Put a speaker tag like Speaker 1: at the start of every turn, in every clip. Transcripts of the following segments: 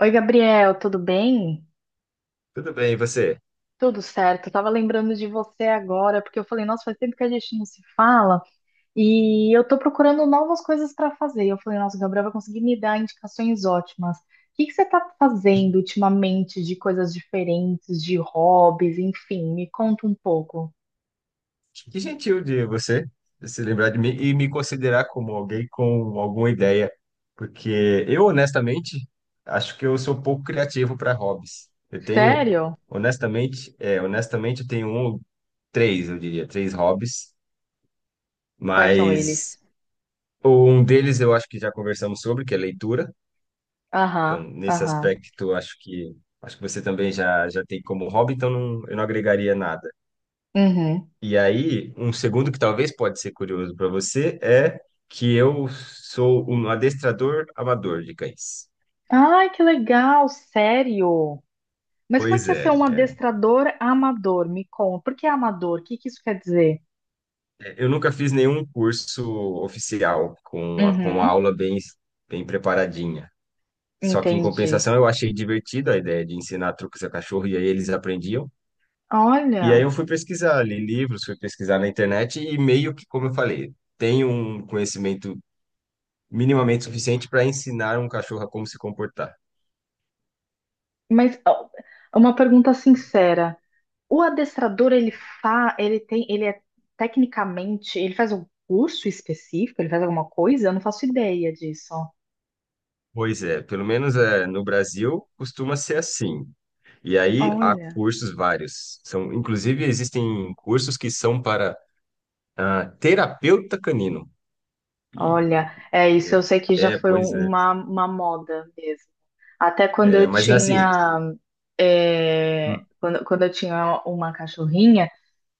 Speaker 1: Oi, Gabriel, tudo bem?
Speaker 2: Tudo bem, e você?
Speaker 1: Tudo certo. Eu tava lembrando de você agora, porque eu falei, nossa, faz tempo que a gente não se fala e eu tô procurando novas coisas para fazer. Eu falei, nossa, o Gabriel vai conseguir me dar indicações ótimas. O que que você tá fazendo ultimamente de coisas diferentes, de hobbies, enfim, me conta um pouco.
Speaker 2: Que gentil de você se lembrar de mim e me considerar como alguém com alguma ideia, porque eu, honestamente, acho que eu sou pouco criativo para hobbies. Eu tenho,
Speaker 1: Sério?
Speaker 2: honestamente, honestamente, eu tenho um, três, eu diria, três hobbies,
Speaker 1: Quais são
Speaker 2: mas
Speaker 1: eles?
Speaker 2: um deles eu acho que já conversamos sobre, que é leitura. Então,
Speaker 1: Aham,
Speaker 2: nesse
Speaker 1: aham.
Speaker 2: aspecto, acho que você também já tem como hobby, então não, eu não agregaria nada.
Speaker 1: Uhum.
Speaker 2: E aí, um segundo que talvez pode ser curioso para você é que eu sou um adestrador amador de cães.
Speaker 1: Ai, que legal, sério. Mas como é
Speaker 2: Pois
Speaker 1: que é ser
Speaker 2: é,
Speaker 1: um
Speaker 2: é.
Speaker 1: adestrador amador? Me conta. Por que amador? O que que isso quer dizer?
Speaker 2: é, Eu nunca fiz nenhum curso oficial com a
Speaker 1: Uhum,
Speaker 2: aula bem, bem preparadinha. Só que, em
Speaker 1: entendi.
Speaker 2: compensação, eu achei divertido a ideia de ensinar truques a cachorro e aí eles aprendiam. E aí
Speaker 1: Olha,
Speaker 2: eu fui pesquisar, li livros, fui pesquisar na internet e meio que, como eu falei, tenho um conhecimento minimamente suficiente para ensinar um cachorro a como se comportar.
Speaker 1: mas ó, uma pergunta sincera. O adestrador, ele fa, ele tem, ele é tecnicamente, ele faz um curso específico, ele faz alguma coisa? Eu não faço ideia disso.
Speaker 2: Pois é, pelo menos é, no Brasil costuma ser assim. E aí há
Speaker 1: Olha,
Speaker 2: cursos vários. São, inclusive, existem cursos que são para terapeuta canino. E,
Speaker 1: olha, é isso, eu sei que já foi um-
Speaker 2: pois é.
Speaker 1: uma, uma moda mesmo. Até quando
Speaker 2: É,
Speaker 1: eu
Speaker 2: mas assim,
Speaker 1: tinha, quando eu tinha uma cachorrinha.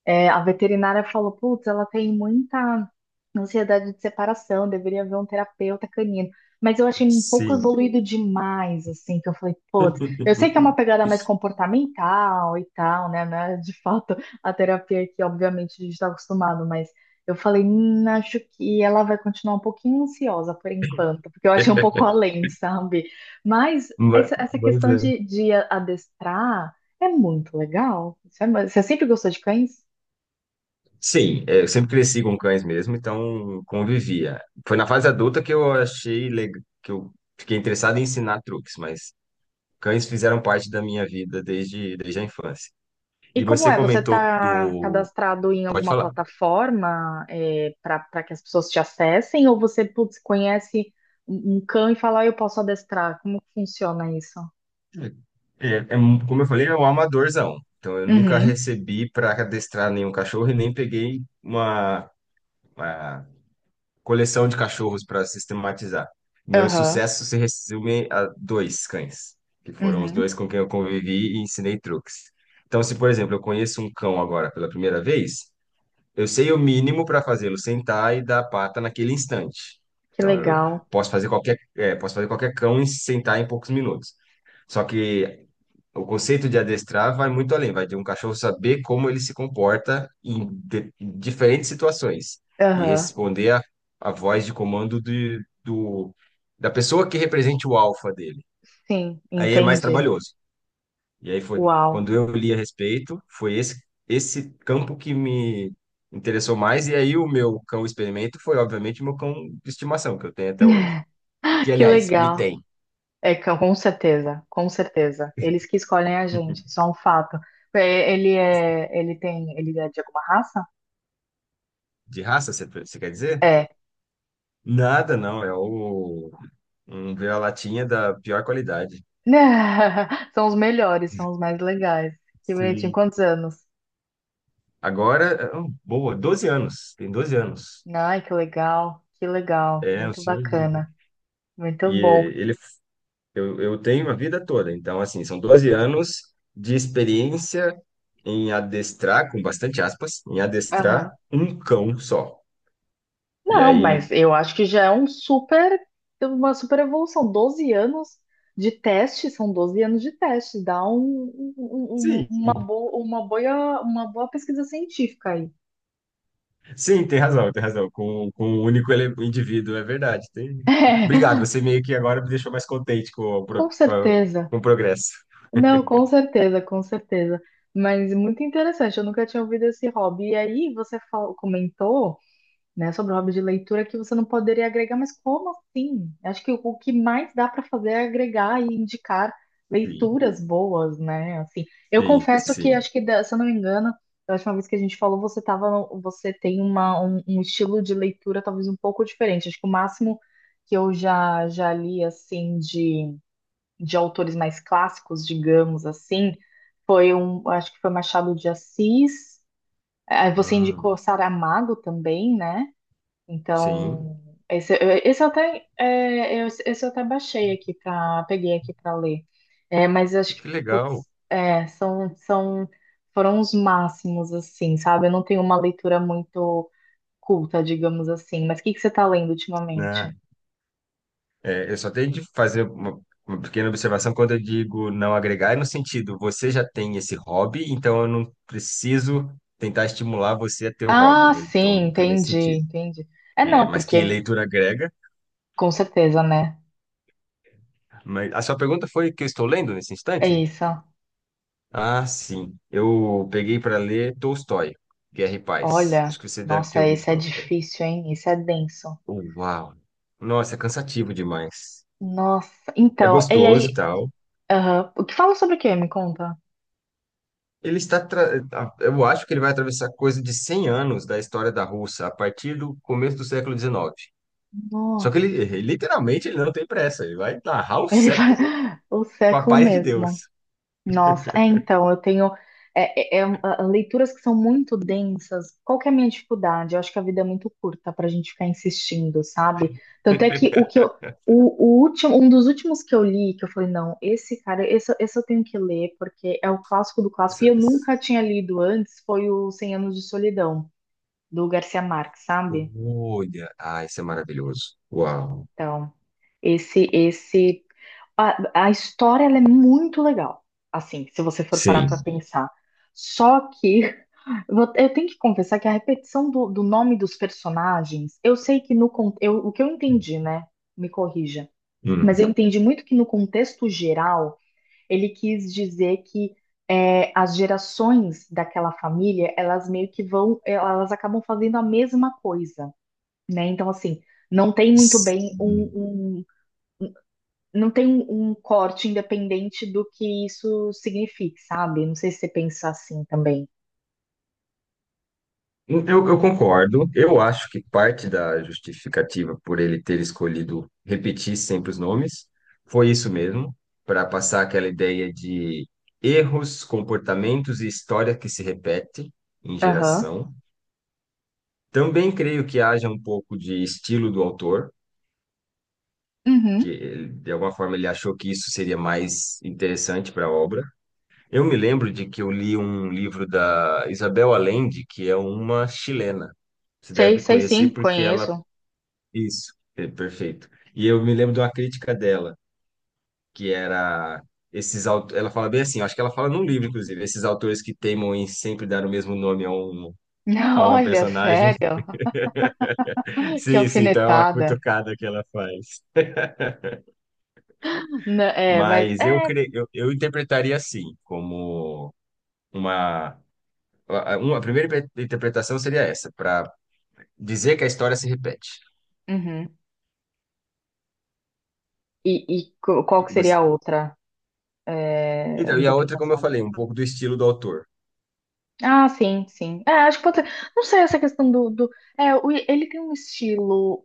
Speaker 1: É, a veterinária falou, putz, ela tem muita ansiedade de separação, deveria ver um terapeuta canino. Mas eu achei um pouco
Speaker 2: sim.
Speaker 1: evoluído demais, assim, que eu falei, putz, eu sei que é uma pegada mais comportamental e tal, né? Não é de fato a terapia que, obviamente, a gente está acostumado, mas eu falei, acho que ela vai continuar um pouquinho ansiosa por enquanto, porque eu achei um pouco além, sabe? Mas
Speaker 2: Ma-
Speaker 1: essa
Speaker 2: Pois
Speaker 1: questão
Speaker 2: é.
Speaker 1: de adestrar é muito legal. Você sempre gostou de cães?
Speaker 2: Sim, eu sempre cresci com cães mesmo, então convivia. Foi na fase adulta que eu achei legal, que eu fiquei interessado em ensinar truques, mas cães fizeram parte da minha vida desde a infância.
Speaker 1: E
Speaker 2: E
Speaker 1: como
Speaker 2: você
Speaker 1: é? Você
Speaker 2: comentou
Speaker 1: está
Speaker 2: do.
Speaker 1: cadastrado em
Speaker 2: Pode
Speaker 1: alguma
Speaker 2: falar.
Speaker 1: plataforma para que as pessoas te acessem? Ou você, putz, conhece um cão e fala, "Ah, eu posso adestrar? Como que funciona isso?"
Speaker 2: É, como eu falei, é um amadorzão. Então, eu nunca
Speaker 1: Uhum,
Speaker 2: recebi para adestrar nenhum cachorro e nem peguei uma coleção de cachorros para sistematizar. Meu
Speaker 1: aham,
Speaker 2: sucesso se resume a dois cães, que foram os
Speaker 1: uhum.
Speaker 2: dois com quem eu convivi e ensinei truques. Então, se, por exemplo, eu conheço um cão agora pela primeira vez, eu sei o mínimo para fazê-lo sentar e dar a pata naquele instante.
Speaker 1: Que
Speaker 2: Então, eu
Speaker 1: legal.
Speaker 2: posso fazer qualquer cão e sentar em poucos minutos. Só que o conceito de adestrar vai muito além, vai de um cachorro saber como ele se comporta em diferentes situações e
Speaker 1: Aham,
Speaker 2: responder a voz de comando da pessoa que represente o alfa dele.
Speaker 1: sim,
Speaker 2: Aí é mais
Speaker 1: entendi.
Speaker 2: trabalhoso. E aí foi
Speaker 1: Uau.
Speaker 2: quando eu li a respeito, foi esse campo que me interessou mais e aí o meu cão experimento foi obviamente o meu cão de estimação que eu tenho até hoje. Que
Speaker 1: Que
Speaker 2: aliás, me
Speaker 1: legal.
Speaker 2: tem.
Speaker 1: É, com certeza, com certeza. Eles que escolhem a gente, isso é um fato. É, ele é de alguma raça?
Speaker 2: De raça, você quer dizer?
Speaker 1: É.
Speaker 2: Nada, não, é o um vira-latinha da pior qualidade.
Speaker 1: São os melhores, são os mais legais. Que bonitinho,
Speaker 2: Sim.
Speaker 1: quantos anos?
Speaker 2: Agora, boa, 12 anos, tem 12 anos.
Speaker 1: Ai, que legal,
Speaker 2: É, o
Speaker 1: muito
Speaker 2: senhor de-
Speaker 1: bacana, muito
Speaker 2: E
Speaker 1: bom.
Speaker 2: ele Eu tenho a vida toda, então, assim, são 12 anos de experiência em adestrar, com bastante aspas, em adestrar
Speaker 1: Aham.
Speaker 2: um cão só. E
Speaker 1: Não,
Speaker 2: aí,
Speaker 1: mas eu acho que já é uma super evolução. 12 anos de teste, são 12 anos de teste, dá
Speaker 2: sim,
Speaker 1: uma boa pesquisa científica aí.
Speaker 2: sim, tem razão, tem razão. Com um único indivíduo, é verdade. Tem... Obrigado,
Speaker 1: É,
Speaker 2: você meio que agora me deixou mais contente com o, pro-
Speaker 1: com
Speaker 2: com a-
Speaker 1: certeza.
Speaker 2: com o progresso.
Speaker 1: Não, com certeza, com certeza. Mas muito interessante, eu nunca tinha ouvido esse hobby. E aí você comentou, né, sobre o hobby de leitura que você não poderia agregar, mas como assim? Acho que o que mais dá para fazer é agregar e indicar
Speaker 2: Sim,
Speaker 1: leituras boas, né? Assim, eu
Speaker 2: sim,
Speaker 1: confesso que
Speaker 2: sim.
Speaker 1: acho que, se eu não me engano, da última vez que a gente falou, você tava, no- você tem um estilo de leitura talvez um pouco diferente. Acho que o máximo que eu já li assim de autores mais clássicos, digamos assim, acho que foi Machado de Assis. Aí você
Speaker 2: Hum,
Speaker 1: indicou Saramago também, né?
Speaker 2: sim,
Speaker 1: Então, esse, esse eu até peguei aqui para ler. É, mas eu acho que,
Speaker 2: que legal,
Speaker 1: putz, é, foram os máximos, assim, sabe? Eu não tenho uma leitura muito culta, digamos assim. Mas o que que você está lendo ultimamente?
Speaker 2: né? É, eu só tenho de fazer uma pequena observação quando eu digo não agregar, é no sentido, você já tem esse hobby, então eu não preciso tentar estimular você a ter o hobby,
Speaker 1: Ah,
Speaker 2: né?
Speaker 1: sim,
Speaker 2: Então, foi nesse
Speaker 1: entendi,
Speaker 2: sentido.
Speaker 1: entendi. É,
Speaker 2: É,
Speaker 1: não,
Speaker 2: mas
Speaker 1: porque.
Speaker 2: que leitura agrega?
Speaker 1: Com certeza, né?
Speaker 2: Mas a sua pergunta foi o que eu estou lendo nesse
Speaker 1: É
Speaker 2: instante?
Speaker 1: isso.
Speaker 2: Ah, sim. Eu peguei para ler Tolstói, Guerra e Paz.
Speaker 1: Olha,
Speaker 2: Acho que você deve ter
Speaker 1: nossa,
Speaker 2: ouvido
Speaker 1: esse é
Speaker 2: falar. É.
Speaker 1: difícil, hein? Esse é denso.
Speaker 2: Uau! Nossa, é cansativo demais.
Speaker 1: Nossa,
Speaker 2: É
Speaker 1: então, e
Speaker 2: gostoso,
Speaker 1: aí,
Speaker 2: tal.
Speaker 1: aham, o que fala sobre o quê? Me conta.
Speaker 2: Ele está, tra- a- eu acho que ele vai atravessar coisa de 100 anos da história da Rússia a partir do começo do século XIX. Só que ele,
Speaker 1: Nossa,
Speaker 2: ele- literalmente, ele não tem pressa. Ele vai narrar o
Speaker 1: ele vai
Speaker 2: século
Speaker 1: o
Speaker 2: com a
Speaker 1: século
Speaker 2: paz de Deus.
Speaker 1: mesmo. Nossa, é, então, eu tenho leituras que são muito densas. Qual que é a minha dificuldade? Eu acho que a vida é muito curta para a gente ficar insistindo, sabe? Tanto é que o último, um dos últimos que eu li, que eu falei, não, esse cara, esse eu tenho que ler, porque é o clássico do clássico, e
Speaker 2: Isso-
Speaker 1: eu
Speaker 2: isso-
Speaker 1: nunca tinha lido antes, foi o Cem Anos de Solidão, do Garcia Marques, sabe?
Speaker 2: Olha, isso é maravilhoso. Uau.
Speaker 1: Então, esse, esse, a história ela é muito legal, assim, se você for parar para
Speaker 2: Sim.
Speaker 1: pensar. Só que eu tenho que confessar que a repetição do nome dos personagens, eu sei que no con- eu, o que eu entendi, né? Me corrija, mas
Speaker 2: Hum.
Speaker 1: eu entendi muito que no contexto geral ele quis dizer que as gerações daquela família, elas meio que vão, elas acabam fazendo a mesma coisa, né? Então assim, não tem muito bem
Speaker 2: Sim.
Speaker 1: um. Não tem um corte independente do que isso signifique, sabe? Não sei se você pensa assim também.
Speaker 2: Eu concordo. Eu acho que parte da justificativa por ele ter escolhido repetir sempre os nomes foi isso mesmo, para passar aquela ideia de erros, comportamentos e história que se repete em
Speaker 1: Aham.
Speaker 2: geração. Também creio que haja um pouco de estilo do autor, que
Speaker 1: Uhum.
Speaker 2: de alguma forma ele achou que isso seria mais interessante para a obra. Eu me lembro de que eu li um livro da Isabel Allende, que é uma chilena. Você
Speaker 1: Sei,
Speaker 2: deve
Speaker 1: sei
Speaker 2: conhecer
Speaker 1: sim,
Speaker 2: porque ela.
Speaker 1: conheço.
Speaker 2: Isso, é, perfeito. E eu me lembro de uma crítica dela, que era esses autores, ela fala bem assim, eu acho que ela fala num livro, inclusive, esses autores que teimam em sempre dar o mesmo nome a um, a uma
Speaker 1: Olha,
Speaker 2: personagem.
Speaker 1: sério? Que
Speaker 2: Sim, sim, então é uma
Speaker 1: alfinetada.
Speaker 2: cutucada que ela faz.
Speaker 1: Não, é, mas
Speaker 2: Mas eu,
Speaker 1: é.
Speaker 2: cre... eu, eu interpretaria assim, como uma, a primeira interpretação seria essa, para dizer que a história se repete.
Speaker 1: Uhum. E qual
Speaker 2: Que
Speaker 1: que seria
Speaker 2: você-
Speaker 1: a outra
Speaker 2: Então, e a outra, como eu
Speaker 1: interpretação?
Speaker 2: falei, um pouco do estilo do autor.
Speaker 1: Ah, sim, sim. É, acho que pode ser. Não sei essa questão do. É, ele tem um estilo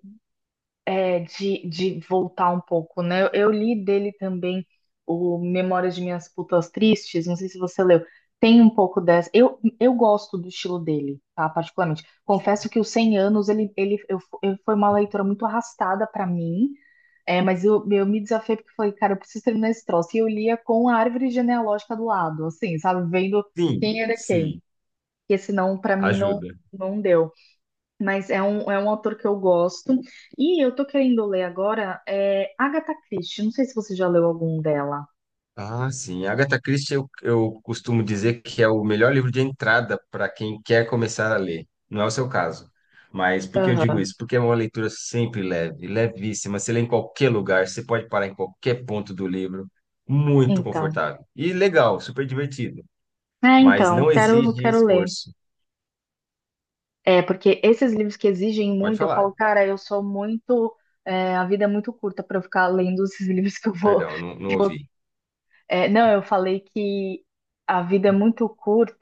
Speaker 1: de voltar um pouco, né? Eu li dele também o Memórias de Minhas Putas Tristes, não sei se você leu. Tem um pouco dessa. Eu gosto do estilo dele, tá? Particularmente. Confesso que os 100 anos foi uma leitura muito arrastada pra mim, mas eu me desafiei porque eu falei, cara, eu preciso terminar esse troço. E eu lia com a árvore genealógica do lado, assim, sabe? Vendo
Speaker 2: Sim,
Speaker 1: quem era quem.
Speaker 2: sim,
Speaker 1: Porque senão, pra mim, não,
Speaker 2: ajuda.
Speaker 1: não deu. Mas é um autor que eu gosto. E eu tô querendo ler agora Agatha Christie. Não sei se você já leu algum dela.
Speaker 2: Ah, sim. Agatha Christie, eu costumo dizer que é o melhor livro de entrada para quem quer começar a ler. Não é o seu caso. Mas por que eu digo isso? Porque é uma leitura sempre leve, levíssima. Você lê em qualquer lugar, você pode parar em qualquer ponto do livro. Muito
Speaker 1: Então.
Speaker 2: confortável. E legal, super divertido.
Speaker 1: É,
Speaker 2: Mas
Speaker 1: então,
Speaker 2: não
Speaker 1: quero,
Speaker 2: exige
Speaker 1: quero ler.
Speaker 2: esforço.
Speaker 1: É, porque esses livros que exigem
Speaker 2: Pode
Speaker 1: muito, eu falo,
Speaker 2: falar.
Speaker 1: cara, eu sou muito. A vida é muito curta para eu ficar lendo esses livros que eu vou.
Speaker 2: Perdão, não, não ouvi.
Speaker 1: É, não, eu falei que a vida é muito curta.